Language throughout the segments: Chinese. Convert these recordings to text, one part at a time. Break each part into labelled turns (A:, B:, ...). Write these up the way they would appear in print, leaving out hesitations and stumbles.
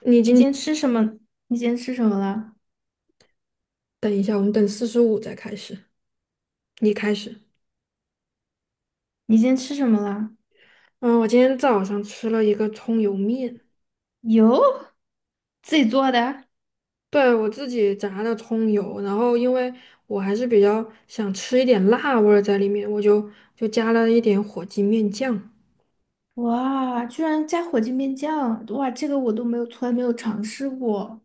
A: 你
B: 你
A: 今
B: 今天
A: 天
B: 吃什么？你今天吃什么了？
A: 等一下，我们等45再开始。你开始。
B: 你今天吃什么了？
A: 嗯，我今天早上吃了一个葱油面，
B: 油自己做的？
A: 对，我自己炸的葱油，然后因为我还是比较想吃一点辣味儿在里面，我就加了一点火鸡面酱，
B: 哇，居然加火鸡面酱！哇，这个我都没有，从来没有尝试过。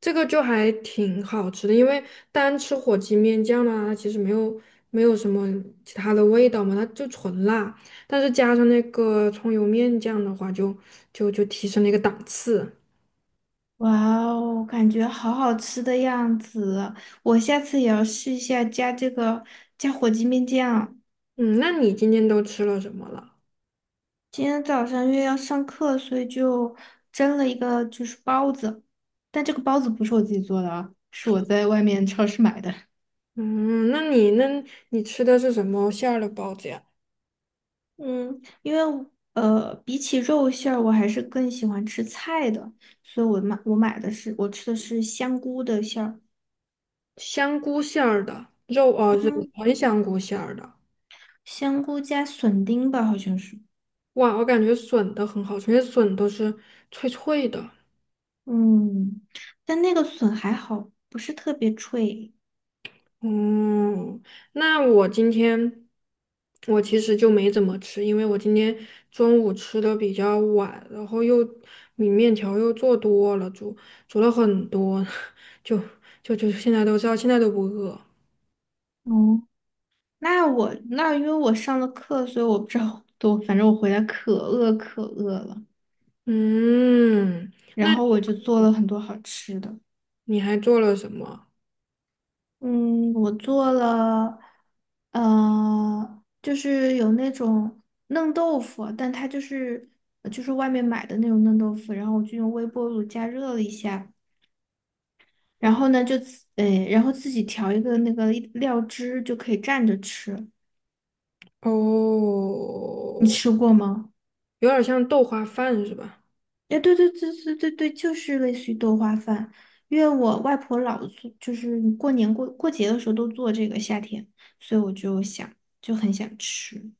A: 这个就还挺好吃的。因为单吃火鸡面酱呢，它其实没有什么其他的味道嘛，它就纯辣，但是加上那个葱油面酱的话就提升了一个档次。
B: 哇哦，感觉好好吃的样子，我下次也要试一下加这个加火鸡面酱。
A: 嗯，那你今天都吃了什么了？
B: 今天早上因为要上课，所以就蒸了一个就是包子，但这个包子不是我自己做的啊，是我在外面超市买的。
A: 嗯，那你那你吃的是什么馅儿的包子呀？
B: 嗯，因为比起肉馅儿，我还是更喜欢吃菜的，所以我买的是我吃的是香菇的馅儿。
A: 香菇馅儿的，肉呃肉
B: 嗯，
A: 纯香菇馅儿的。
B: 香菇加笋丁吧，好像是。
A: 哇，我感觉笋的很好吃，因为笋都是脆脆的。
B: 嗯，但那个笋还好，不是特别脆。
A: 嗯，那我今天我其实就没怎么吃，因为我今天中午吃的比较晚，然后又米面条又做多了，煮了很多，就就就现在都知道，现在都不饿。
B: 哦，那我那因为我上了课，所以我不知道，我反正我回来可饿了，
A: 嗯，
B: 然
A: 那
B: 后我
A: 你
B: 就做了很多好吃的。
A: 还做了什么？
B: 嗯，我做了，就是有那种嫩豆腐，但它就是就是外面买的那种嫩豆腐，然后我就用微波炉加热了一下，然
A: 哦
B: 后呢就自，诶，然后自己调一个那个料汁就可以蘸着吃。你
A: 哦，
B: 吃过吗？
A: 有点像豆花饭是吧？
B: 哎，对对对对对对，就是类似于豆花饭，因为我外婆老做，就是过年过节的时候都做这个夏天，所以我就想就很想吃。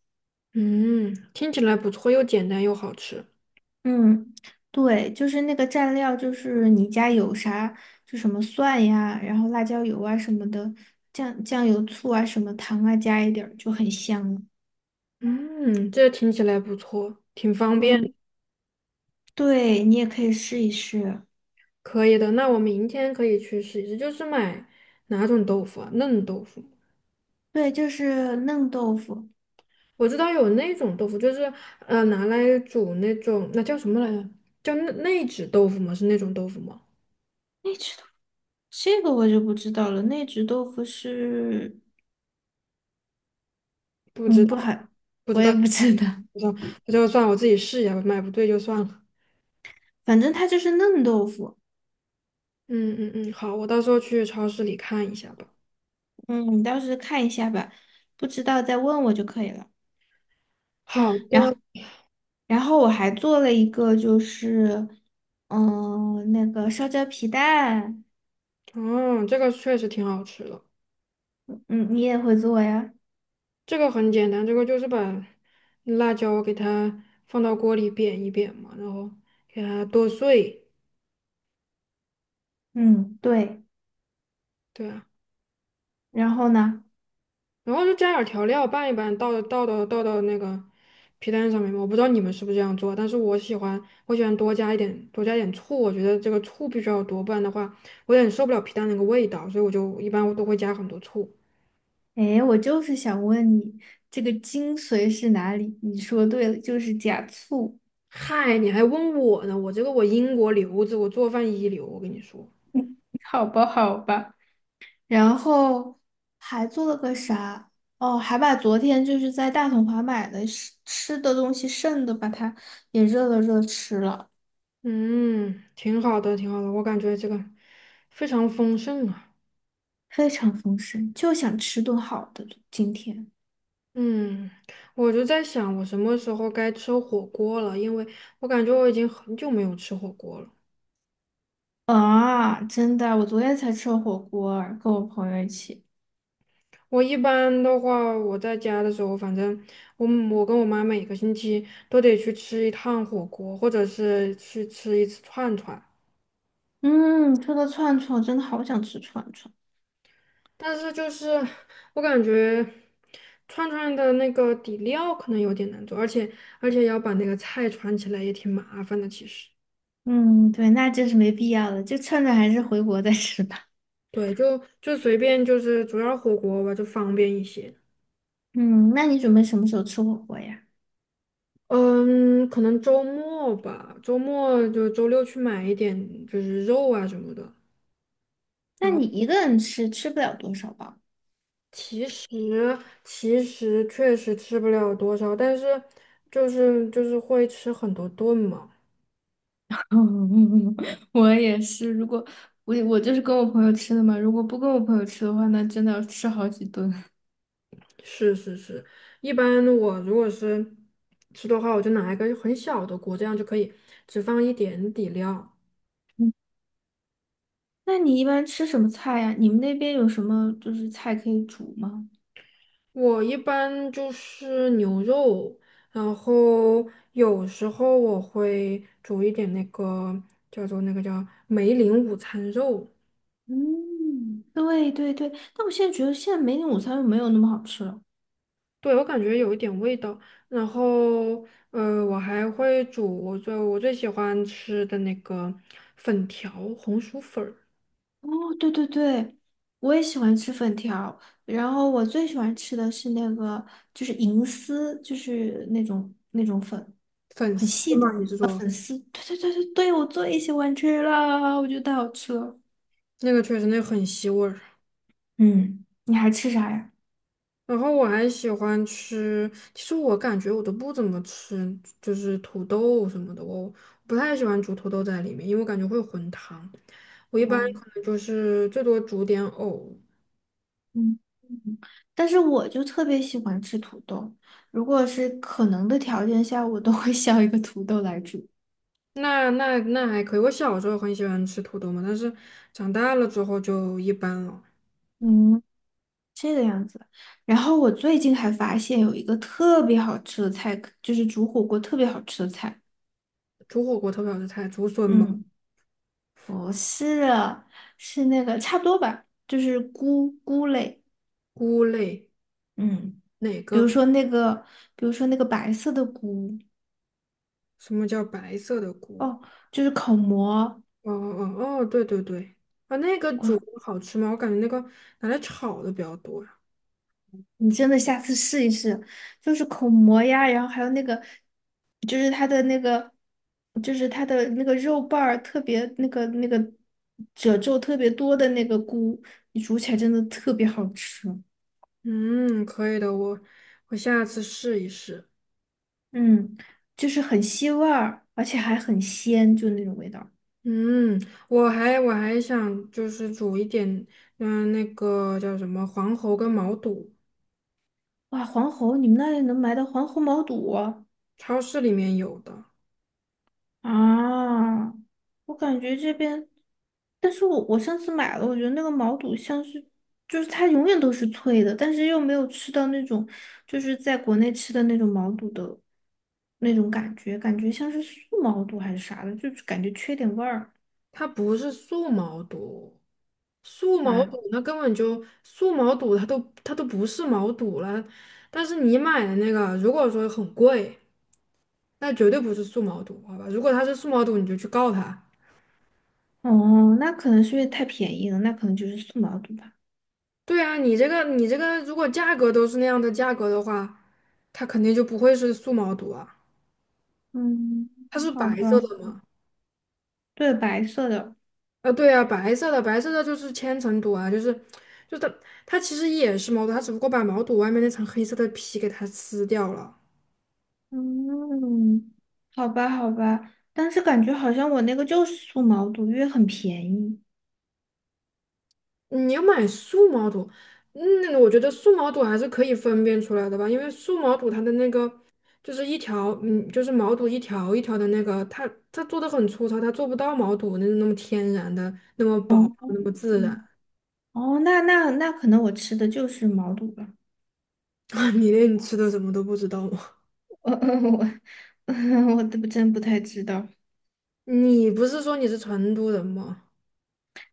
A: 嗯，听起来不错，又简单又好吃。
B: 嗯，对，就是那个蘸料，就是你家有啥，就什么蒜呀，然后辣椒油啊什么的，酱油、醋啊，什么糖啊，加一点儿就很香了。
A: 嗯，这听起来不错，挺方便的
B: 嗯，对，你也可以试一试。
A: 可以的。那我明天可以去试一试，就是买哪种豆腐啊？嫩豆腐。
B: 对，就是嫩豆腐。
A: 我知道有那种豆腐，就是拿来煮那种，那叫什么来着？叫内酯豆腐吗？是那种豆腐吗？
B: 那只豆这个我就不知道了。那只豆腐是，
A: 不知
B: 嗯，
A: 道
B: 不好，
A: 不知
B: 我也
A: 道，
B: 不知
A: 不
B: 道，
A: 知道，那就算我自己试一下吧，买不对就算了。
B: 反正它就是嫩豆腐。
A: 嗯嗯嗯，好，我到时候去超市里看一下吧。
B: 嗯，你到时看一下吧，不知道再问我就可以了。
A: 好
B: 然后。
A: 的，
B: 然后我还做了一个，就是，嗯、那个烧焦皮蛋。
A: 哦，这个确实挺好吃的。
B: 嗯，你也会做呀？
A: 这个很简单，这个就是把辣椒给它放到锅里煸一煸嘛，然后给它剁碎。
B: 嗯，对。
A: 对啊。
B: 然后呢？
A: 然后就加点儿调料拌一拌，倒到那个皮蛋上面嘛。我不知道你们是不是这样做，但是我喜欢多加一点醋，我觉得这个醋必须要多，不然的话我有点受不了皮蛋那个味道，所以我一般都会加很多醋。
B: 哎，我就是想问你，这个精髓是哪里？你说对了，就是假醋。
A: 嗨，你还问我呢？我这个我英国留子，我做饭一流，我跟你说，
B: 好吧，好吧。然后还做了个啥？哦，还把昨天就是在大统华买的吃的东西剩的，把它也热了热吃了，
A: 嗯，挺好的，挺好的，我感觉这个非常丰盛啊。
B: 非常丰盛，就想吃顿好的今天。
A: 嗯，我就在想，我什么时候该吃火锅了？因为我感觉我已经很久没有吃火锅了。
B: 啊，真的，我昨天才吃了火锅儿跟我朋友一起。
A: 我一般的话，我在家的时候，反正我跟我妈每个星期都得去吃一趟火锅，或者是去吃一次串串。
B: 嗯，吃个串串，真的好想吃串串。
A: 但是就是我感觉串串的那个底料可能有点难做，而且要把那个菜串起来也挺麻烦的。其实，
B: 嗯，对，那真是没必要了，就串串还是回国再吃吧。
A: 对，就随便就是主要火锅吧，就方便一些。
B: 嗯，那你准备什么时候吃火锅呀？
A: 嗯，可能周末吧，周末就周六去买一点就是肉啊什么的。然
B: 那
A: 后。
B: 你一个人吃，吃不了多少吧？
A: 其实其实确实吃不了多少，但是就是会吃很多顿嘛。
B: 嗯，我也是，如果我就是跟我朋友吃的嘛，如果不跟我朋友吃的话，那真的要吃好几顿。
A: 是是是，一般我如果是吃的话，我就拿一个很小的锅，这样就可以只放一点底料。
B: 嗯，那你一般吃什么菜呀？你们那边有什么就是菜可以煮吗？
A: 我一般就是牛肉，然后有时候我会煮一点那个叫梅林午餐肉。
B: 嗯，对对对，但我现在觉得现在梅岭午餐肉没有那么好吃了。
A: 对，我感觉有一点味道。然后，我还会煮我最喜欢吃的那个粉条，红薯粉儿，
B: 哦，对对对，我也喜欢吃粉条，然后我最喜欢吃的是那个就是银丝，就是那种粉，
A: 粉
B: 很
A: 丝
B: 细的。
A: 嘛，你是
B: 啊
A: 说
B: 粉丝。对对对对对，我最喜欢吃了，我觉得太好吃了。
A: 那个确实那个很吸味儿。
B: 嗯，你还吃啥呀？
A: 然后我还喜欢吃，其实我感觉我都不怎么吃，就是土豆什么的，我不太喜欢煮土豆在里面，因为我感觉会有混汤。我一般可
B: 嗯
A: 能就是最多煮点藕，
B: 嗯嗯，但是我就特别喜欢吃土豆，如果是可能的条件下，我都会削一个土豆来煮。
A: 那还可以。我小时候很喜欢吃土豆嘛，但是长大了之后就一般了。
B: 嗯，这个样子。然后我最近还发现有一个特别好吃的菜，就是煮火锅特别好吃的菜。
A: 煮火锅特别好吃菜，竹笋蘑
B: 嗯，不是啊，是那个差不多吧，就是菇类，
A: 菇类，
B: 嗯，
A: 哪
B: 比如
A: 个？
B: 说那个，比如说那个白色的菇。
A: 什么叫白色的菇？
B: 哦，就是口蘑。
A: 哦哦哦哦，对对对，啊，那个煮
B: 我
A: 好吃吗？我感觉那个拿来炒的比较多呀。
B: 你真的下次试一试，就是口蘑呀，然后还有那个，就是它的那个，就是它的那个肉瓣儿特别那个褶皱特别多的那个菇，你煮起来真的特别好吃。
A: 嗯，可以的，我下次试一试。
B: 嗯，就是很吸味儿，而且还很鲜，就那种味道。
A: 嗯，我还想就是煮一点，嗯，那个叫什么黄喉跟毛肚，
B: 哇，黄喉，你们那里能买到黄喉毛肚啊？
A: 超市里面有的。
B: 啊，我感觉这边，但是我上次买了，我觉得那个毛肚像是，就是它永远都是脆的，但是又没有吃到那种，就是在国内吃的那种毛肚的那种感觉，感觉像是素毛肚还是啥的，就是感觉缺点味儿
A: 它不是素毛肚，素毛
B: 啊。
A: 肚那根本就素毛肚，它都不是毛肚了。但是你买的那个，如果说很贵，那绝对不是素毛肚，好吧？如果它是素毛肚，你就去告他。
B: 哦，那可能是因为太便宜了，那可能就是素毛肚吧。
A: 对啊，你这个，如果价格都是那样的价格的话，它肯定就不会是素毛肚啊。
B: 嗯，
A: 它是
B: 好
A: 白色
B: 吧，
A: 的吗？
B: 对，白色的。
A: 啊，对啊，白色的，白色的就是千层肚啊，就是就它它其实也是毛肚，它只不过把毛肚外面那层黑色的皮给它撕掉了。
B: 嗯，好吧，好吧，但是感觉好像我那个就是素毛肚，因为很便宜。
A: 你要买素毛肚，嗯，我觉得素毛肚还是可以分辨出来的吧，因为素毛肚它的那个就是一条，嗯，就是毛肚一条一条的那个，它它做的很粗糙，它做不到毛肚那那么天然的那么薄
B: 哦，
A: 那么自然
B: 嗯 哦，那那那可能我吃的就是毛肚吧，
A: 啊。你连你吃的什么都不知道吗？
B: 我 我 我都真不太知道。
A: 你不是说你是成都人吗？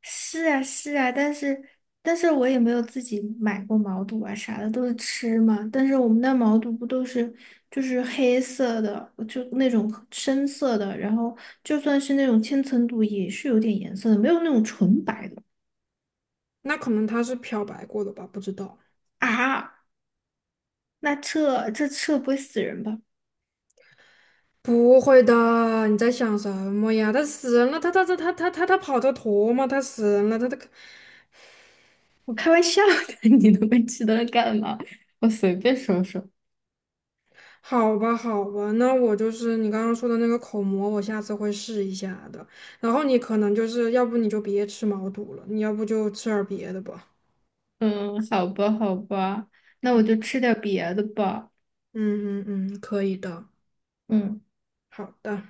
B: 是啊，是啊，但是但是我也没有自己买过毛肚啊啥的，都是吃嘛。但是我们那毛肚不都是就是黑色的，就那种深色的，然后就算是那种千层肚也是有点颜色的，没有那种纯白的。
A: 那可能他是漂白过的吧，不知道。
B: 啊，那这不会死人吧？
A: 不会的，你在想什么呀？他死人了，他跑得脱吗？他死人了，他他。
B: 我开玩笑的，你那么激动干嘛？我随便说说。
A: 好吧，好吧，那我就是你刚刚说的那个口蘑，我下次会试一下的。然后你可能就是要不你就别吃毛肚了，你要不就吃点儿别的吧。
B: 嗯，好吧，好吧，那我就吃点别的吧。
A: 嗯嗯嗯，可以的，
B: 嗯。
A: 好的。